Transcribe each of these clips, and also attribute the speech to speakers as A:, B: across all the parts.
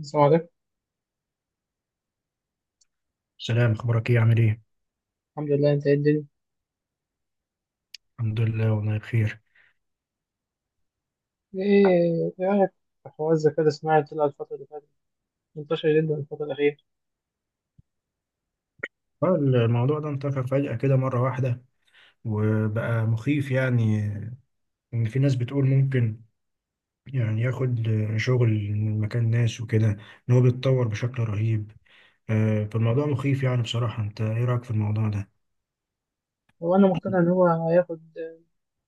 A: السلام عليكم.
B: سلام، اخبارك ايه؟ عامل ايه؟
A: الحمد لله، انت ايه الدنيا؟
B: الحمد لله، والله بخير.
A: ايه رايك في حوار الذكاء الاصطناعي؟ طلع الفتره اللي فاتت منتشر جدا الفتره الاخيره.
B: الموضوع ده انتشر فجأة كده مرة واحدة، وبقى مخيف يعني، ان في ناس بتقول ممكن يعني ياخد شغل من مكان ناس وكده، ان هو بيتطور بشكل رهيب. فالموضوع مخيف يعني بصراحة. انت ايه رأيك في الموضوع ده؟
A: هو انا مقتنع ان هو هياخد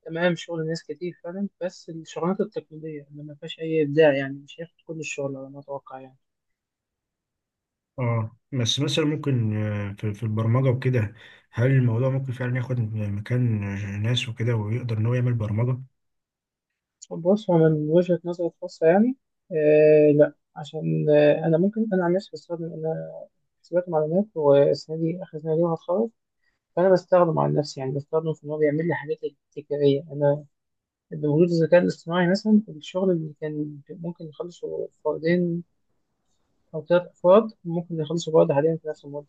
A: تمام شغل ناس كتير فعلا، بس الشغلانات التقليديه اللي ما فيهاش اي ابداع يعني مش هياخد كل الشغل على ما اتوقع يعني.
B: اه، بس مثلا ممكن في البرمجة وكده، هل الموضوع ممكن فعلا ياخد مكان ناس وكده ويقدر ان هو يعمل برمجة؟
A: بص، هو من وجهه نظري الخاصه يعني لا، عشان انا، ممكن انا عن نفسي بستخدم، انا حسابات معلومات والسنه دي اخر سنه ليا وهتخرج، فانا بستخدم على نفسي يعني، بستخدم في ان هو بيعمل لي حاجات تكراريه. انا بوجود الذكاء الاصطناعي، مثلا الشغل اللي كان ممكن يخلصه فردين أو ثلاث أفراد ممكن يخلصوا بعض حاليا في نفس المدة،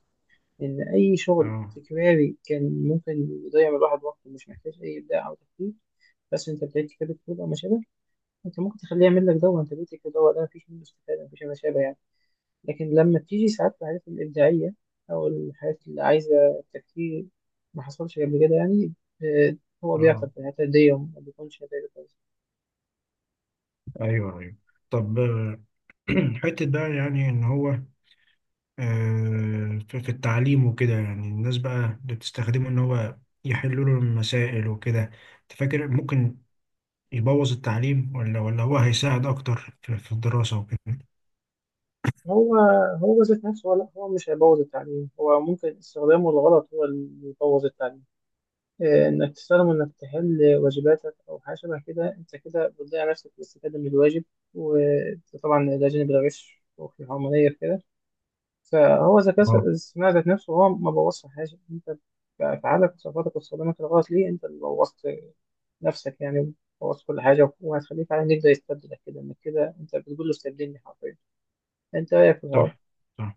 A: لأن أي شغل
B: اه،
A: تكراري كان ممكن يضيع من الواحد وقته، مش محتاج أي إبداع أو تفكير. بس أنت بتعيد كتابة كود أو ما شابه، أنت ممكن تخليه يعمل لك ده وأنت بتكتب ده، وده مفيش منه استفادة، مفيش ما شابه يعني. لكن لما بتيجي ساعات الحاجات الإبداعية أو الحاجات اللي عايزة تفكير ما حصلش قبل كده يعني، آه، هو
B: اه،
A: بيعطل في الحتة دي وما بيكونش نتائجه كويسة.
B: ايوه، ايوه. طب حتة بقى يعني إن هو في التعليم وكده، يعني الناس بقى اللي بتستخدمه إن هو يحلوا له المسائل وكده، أنت فاكر ممكن يبوظ التعليم ولا هو هيساعد أكتر في الدراسة وكده؟
A: هو هو ذات نفسه، هو لا، هو مش هيبوظ التعليم، هو ممكن استخدامه الغلط هو اللي يبوظ التعليم. انك تستخدم، انك تحل واجباتك او حاجه شبه كده، انت كده بتضيع نفسك في الاستفاده من الواجب، وطبعا ده جانب الغش وفي الحرمانيه في كده. فهو ذكاء
B: اه،
A: الاصطناعي ذات نفسه هو ما بوظش حاجه، انت بافعالك وصفاتك واستخدامك الغلط ليه، انت اللي بوظت نفسك يعني، بوظت كل حاجه. وهتخليك على انك ده يستبدلك، كده انك كده انت بتقول له استبدلني حرفيا. انت رايك في الحوار؟
B: صح، صح.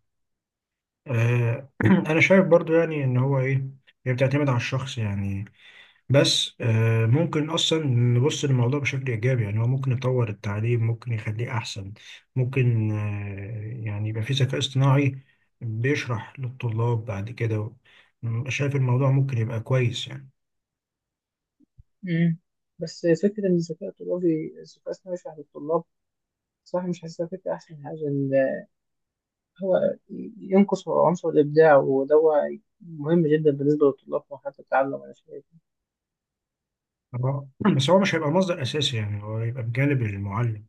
B: آه، أنا شايف برضو يعني إن هو إيه، هي بتعتمد على الشخص يعني. بس ممكن اصلا نبص للموضوع بشكل ايجابي، يعني هو ممكن يطور التعليم، ممكن يخليه احسن، ممكن يعني يبقى في ذكاء اصطناعي بيشرح للطلاب بعد كده. شايف الموضوع ممكن يبقى كويس يعني.
A: مم. بس فكرة إن الذكاء الطلابي، الذكاء الصناعي يشرح للطلاب، صراحة مش حاسسها فكرة أحسن حاجة. هو ينقص عنصر الإبداع، وده هو مهم جدا بالنسبة للطلاب في مرحلة التعلم، أنا شايف.
B: هو- بس هو مش هيبقى مصدر اساسي، يعني هو هيبقى بجانب المعلم.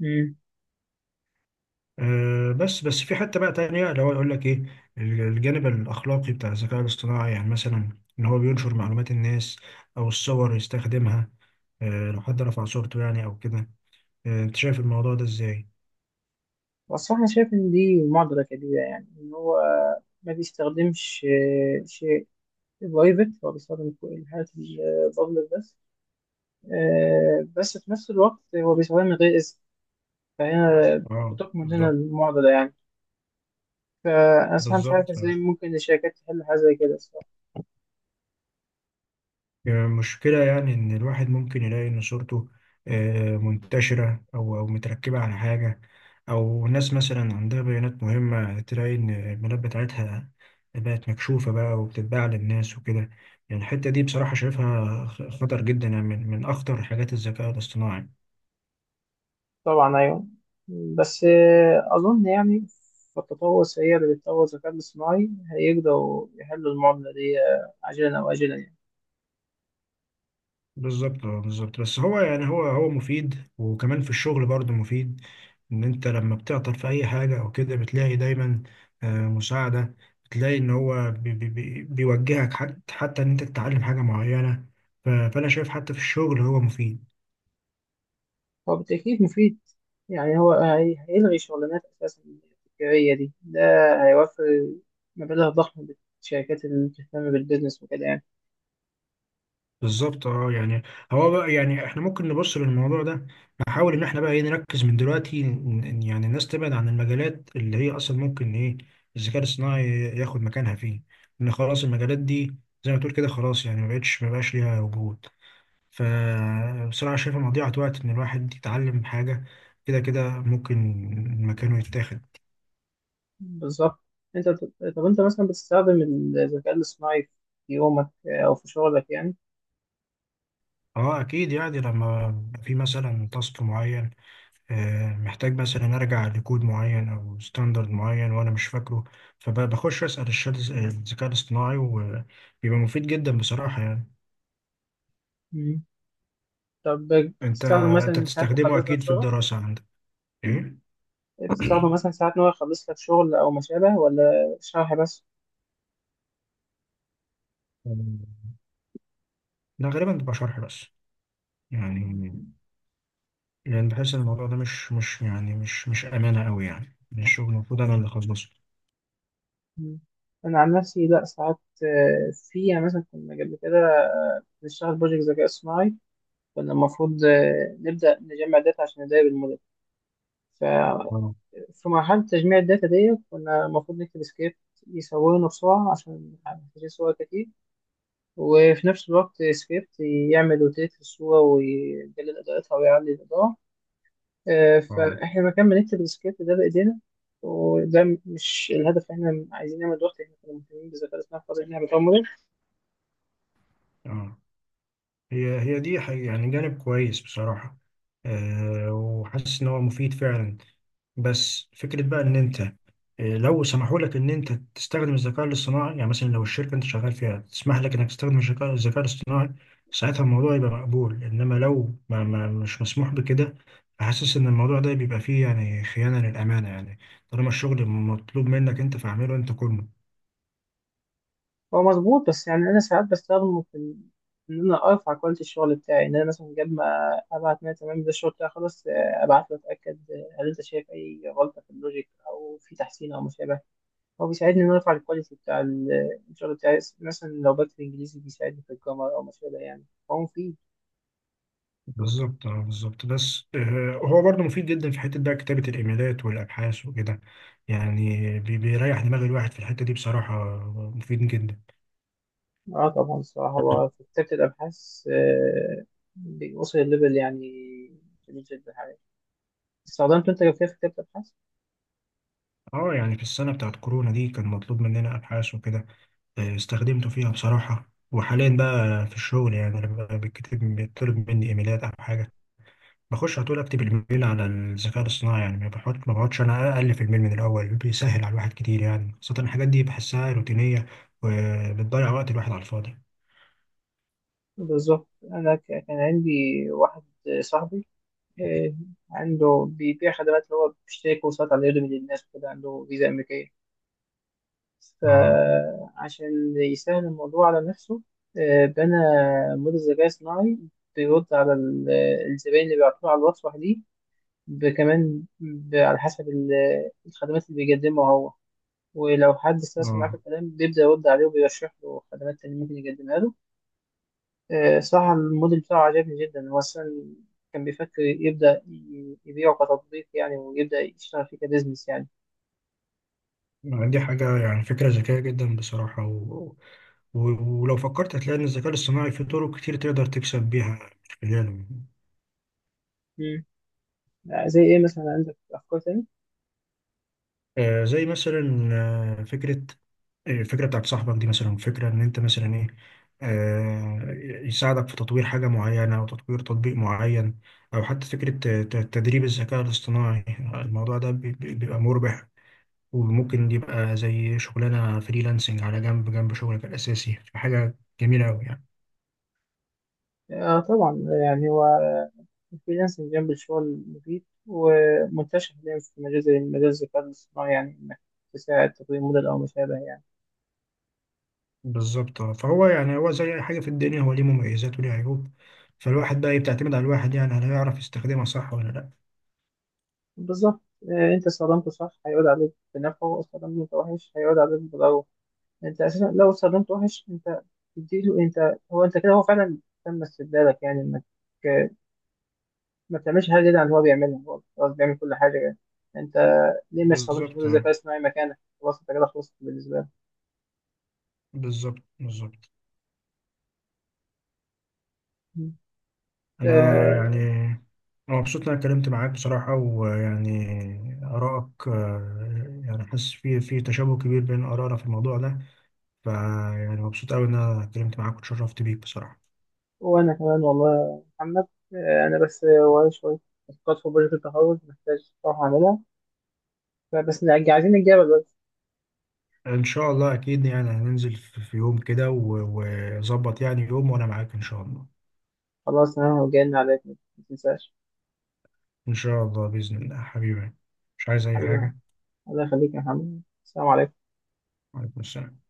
A: مم.
B: بس في حتة بقى تانية اللي هو يقول لك ايه، الجانب الاخلاقي بتاع الذكاء الاصطناعي، يعني مثلا ان هو بينشر معلومات الناس او الصور يستخدمها. لو حد رفع صورته يعني او كده، انت شايف الموضوع ده ازاي؟
A: والصراحة أنا شايف إن دي معضلة كبيرة، يعني إن هو ما بيستخدمش شيء برايفت، هو بيستخدم كل الحاجات البابليك بس. بس في نفس الوقت هو بيستخدمها من غير إذن، فهنا
B: اه،
A: بتكمن هنا
B: بالظبط،
A: المعضلة يعني. فأنا صراحة مش عارف
B: بالظبط
A: إزاي
B: يعني.
A: ممكن الشركات تحل حاجة زي كده الصراحة.
B: المشكله يعني ان الواحد ممكن يلاقي ان صورته منتشره او متركبه على حاجه، او ناس مثلا عندها بيانات مهمه تلاقي ان البيانات بتاعتها بقت مكشوفه بقى وبتتباع للناس وكده. يعني الحته دي بصراحه شايفها خطر جدا، يعني من اخطر حاجات الذكاء الاصطناعي.
A: طبعا أيوة. بس أظن يعني في التطور السريع اللي بيتطور الذكاء الاصطناعي هيقدروا يحلوا المعضلة دي عاجلا أو آجلا يعني.
B: بالظبط، اه، بالظبط. بس هو يعني هو مفيد، وكمان في الشغل برضه مفيد، ان انت لما بتعطل في اي حاجه او كده بتلاقي دايما مساعده، بتلاقي ان هو بي بي بي بيوجهك، حتى ان انت تتعلم حاجه معينه. فانا شايف حتى في الشغل هو مفيد.
A: هو بالتأكيد مفيد، يعني هو هيلغي شغلانات. أساسا التكرارية دي ده هيوفر مبالغ ضخمة للشركات اللي بتهتم بالبيزنس وكده يعني.
B: بالظبط، اه، يعني هو بقى يعني احنا ممكن نبص للموضوع ده، نحاول ان احنا بقى ايه، نركز من دلوقتي إن يعني الناس تبعد عن المجالات اللي هي اصلا ممكن ايه الذكاء الصناعي ياخد مكانها فيه، ان خلاص المجالات دي زي ما تقول كده خلاص يعني ما بقاش ليها وجود، فبصراحة شايفها مضيعة وقت ان الواحد يتعلم حاجة كده كده ممكن مكانه يتاخد.
A: بالظبط. أنت طب أنت مثلا بتستخدم الذكاء الاصطناعي في يومك أو في شغلك يعني؟
B: اه، اكيد يعني، لما في مثلا تاسك معين محتاج مثلا ارجع لكود معين او ستاندرد معين وانا مش فاكره، فبخش اسال الشات، الذكاء الاصطناعي، وبيبقى مفيد جدا بصراحه يعني.
A: طب
B: انت
A: تستخدم
B: انت
A: مثلا ساعات
B: بتستخدمه
A: يخلص لك
B: اكيد في
A: شغل؟
B: الدراسه عندك، ايه؟
A: تستخدم مثلا ساعات إن هو يخلص لك شغل أو ما شابه، ولا شرح بس؟
B: ده غالبا بيبقى شرح بس، يعني، بحس ان الموضوع ده مش يعني مش امانه قوي، يعني من الشغل المفروض انا اللي اخلصه.
A: مم. أنا عن نفسي لأ. ساعات في يعني، مثلا كنا قبل كده بنشتغل بروجكت ذكاء اصطناعي، كنا المفروض نبدأ نجمع داتا عشان نراقب الموديل.
B: اه،
A: ففي مرحلة تجميع الداتا دي كنا المفروض نكتب سكريبت يصورنا بسرعة عشان محتاجين صور كتير، وفي نفس الوقت سكريبت يعمل روتيت للصورة، ويقلل إضاءتها ويعلي الإضاءة.
B: اه،
A: فاحنا مكان ما نكتب السكريبت ده بايدينا، وده مش الهدف اللي احنا عايزين نعمل دلوقتي، احنا كنا مهتمين بالذكاء الاصطناعي في قضيه ان احنا بنطور موديل.
B: اه. هي دي حقيقة يعني، جانب كويس بصراحه. وحاسس ان هو مفيد فعلا. بس فكرة بقى إن أنت لو سمحوا لك إن أنت تستخدم الذكاء الاصطناعي، يعني مثلا لو الشركة أنت شغال فيها تسمح لك إنك تستخدم الذكاء الاصطناعي، ساعتها الموضوع يبقى مقبول. إنما لو ما ما مش مسموح بكده، حاسس إن الموضوع ده بيبقى فيه يعني خيانة للأمانة، يعني طالما الشغل مطلوب منك أنت فاعمله أنت كله.
A: هو مظبوط، بس يعني انا ساعات بستخدمه في ان انا ارفع كواليتي الشغل بتاعي، ان انا مثلا قبل ما ابعت ناس تمام ده الشغل بتاعي خلاص، ابعت له اتاكد، هل انت شايف اي غلطه في اللوجيك او في تحسين او مشابه. هو بيساعدني ان انا ارفع الكواليتي بتاع الشغل بتاعي، مثلا لو بكتب انجليزي بيساعدني في الجرامر او مشابه يعني. هو مفيد.
B: بالظبط، اه، بالظبط. بس هو برضه مفيد جدا في حتة بقى كتابة الإيميلات والأبحاث وكده، يعني بيريح دماغ الواحد في الحتة دي بصراحة. مفيد جدا.
A: اه طبعا، الصراحة هو في كتابة الأبحاث بيوصل الليفل يعني جميل جدا حقيقي. استخدمت أنت جافية في كتابة الأبحاث؟
B: اه، يعني في السنة بتاعت كورونا دي كان مطلوب مننا أبحاث وكده، استخدمته فيها بصراحة. وحاليا بقى في الشغل يعني لما بيتكتب بيطلب مني إيميلات أو حاجة، بخش على طول أكتب الإيميل على الذكاء الاصطناعي، يعني ما بقعدش أنا ألف الإيميل من الأول. بيسهل على الواحد كتير يعني، خاصة الحاجات دي بحسها روتينية، وبتضيع وقت الواحد على الفاضي.
A: بالظبط. أنا كان عندي واحد صاحبي، آه، عنده بيبيع خدمات، اللي هو بيشتري كورسات على يوديمي للناس وكده، عنده فيزا أمريكية،
B: اه،
A: فعشان يسهل الموضوع على نفسه بنى موديل ذكاء صناعي بيرد على الزبائن اللي بيعترضوا على الوصفة دي، كمان على حسب الخدمات اللي بيقدمها هو، ولو حد استرسل معاه في
B: اه.
A: الكلام بيبدأ يرد عليه وبيرشح له خدمات تانية ممكن يقدمها له. صراحة الموديل بتاعه عجبني جدا. هو أصلا كان بيفكر يبدأ يبيعه كتطبيق يعني، ويبدأ يشتغل فيه كبزنس يعني.
B: دي حاجة يعني فكرة ذكية جدا بصراحة. و... ولو فكرت هتلاقي إن الذكاء الاصطناعي فيه طرق كتير تقدر تكسب بيها من خلاله.
A: مم. زي إيه مثلا، عندك أفكار تانية؟
B: زي مثلا، آه، فكرة آه، الفكرة بتاعت صاحبك دي، مثلا فكرة إن أنت مثلا إيه، آه، يساعدك في تطوير حاجة معينة أو تطوير تطبيق معين، أو حتى فكرة تدريب الذكاء الاصطناعي. الموضوع ده بيبقى مربح، وممكن يبقى زي شغلانة فريلانسنج على جنب جنب شغلك الأساسي، فحاجة جميلة أوي يعني.
A: آه طبعا، يعني هو الفريلانسنج جنب الشغل مفيد ومنتشر حاليا في مجال زي مجال الذكاء الاصطناعي، يعني إنك تساعد تطوير موديل أو ما شابه يعني.
B: بالظبط. فهو يعني هو زي أي حاجة في الدنيا، هو ليه مميزات وليه عيوب، فالواحد بقى بتعتمد على الواحد يعني، هل هيعرف يستخدمها صح ولا لأ؟
A: بالظبط. انت استخدمته صح هيعود عليك بنفعه، استخدمته وحش هيعود عليك بضرره. انت اساسا لو استخدمته وحش، انت تديله انت، هو انت كده، هو فعلا تم استبدالك يعني، انك آه، ما بتعملش حاجه جديده عن اللي هو بيعملها، هو خلاص بيعمل كل حاجه يعني. انت ليه ما استخدمش
B: بالظبط،
A: موديل الذكاء الاصطناعي مكانك؟ خلاص انت كده خلصت بالنسبه لك.
B: بالظبط، بالظبط.
A: مم.
B: انا يعني
A: آه.
B: انا مبسوط ان انا اتكلمت معاك بصراحه، ويعني ارائك يعني حاسس في تشابه كبير بين ارائنا في الموضوع ده، فيعني مبسوط قوي ان انا اتكلمت معاك واتشرفت بيك بصراحه.
A: وانا كمان، والله يا محمد. انا بس ورايا شويه تاسكات في بروجكت التخرج محتاج اروح اعملها، فبس عايزين نتجابل بس.
B: ان شاء الله اكيد يعني، هننزل في يوم كده، وظبط يعني يوم وانا معاك ان شاء الله.
A: خلاص، انا هجن عليك، ما تنساش.
B: ان شاء الله باذن الله حبيبي، مش عايز اي
A: حبيبي،
B: حاجه.
A: الله يخليك يا محمد، السلام عليكم.
B: وعليكم السلام.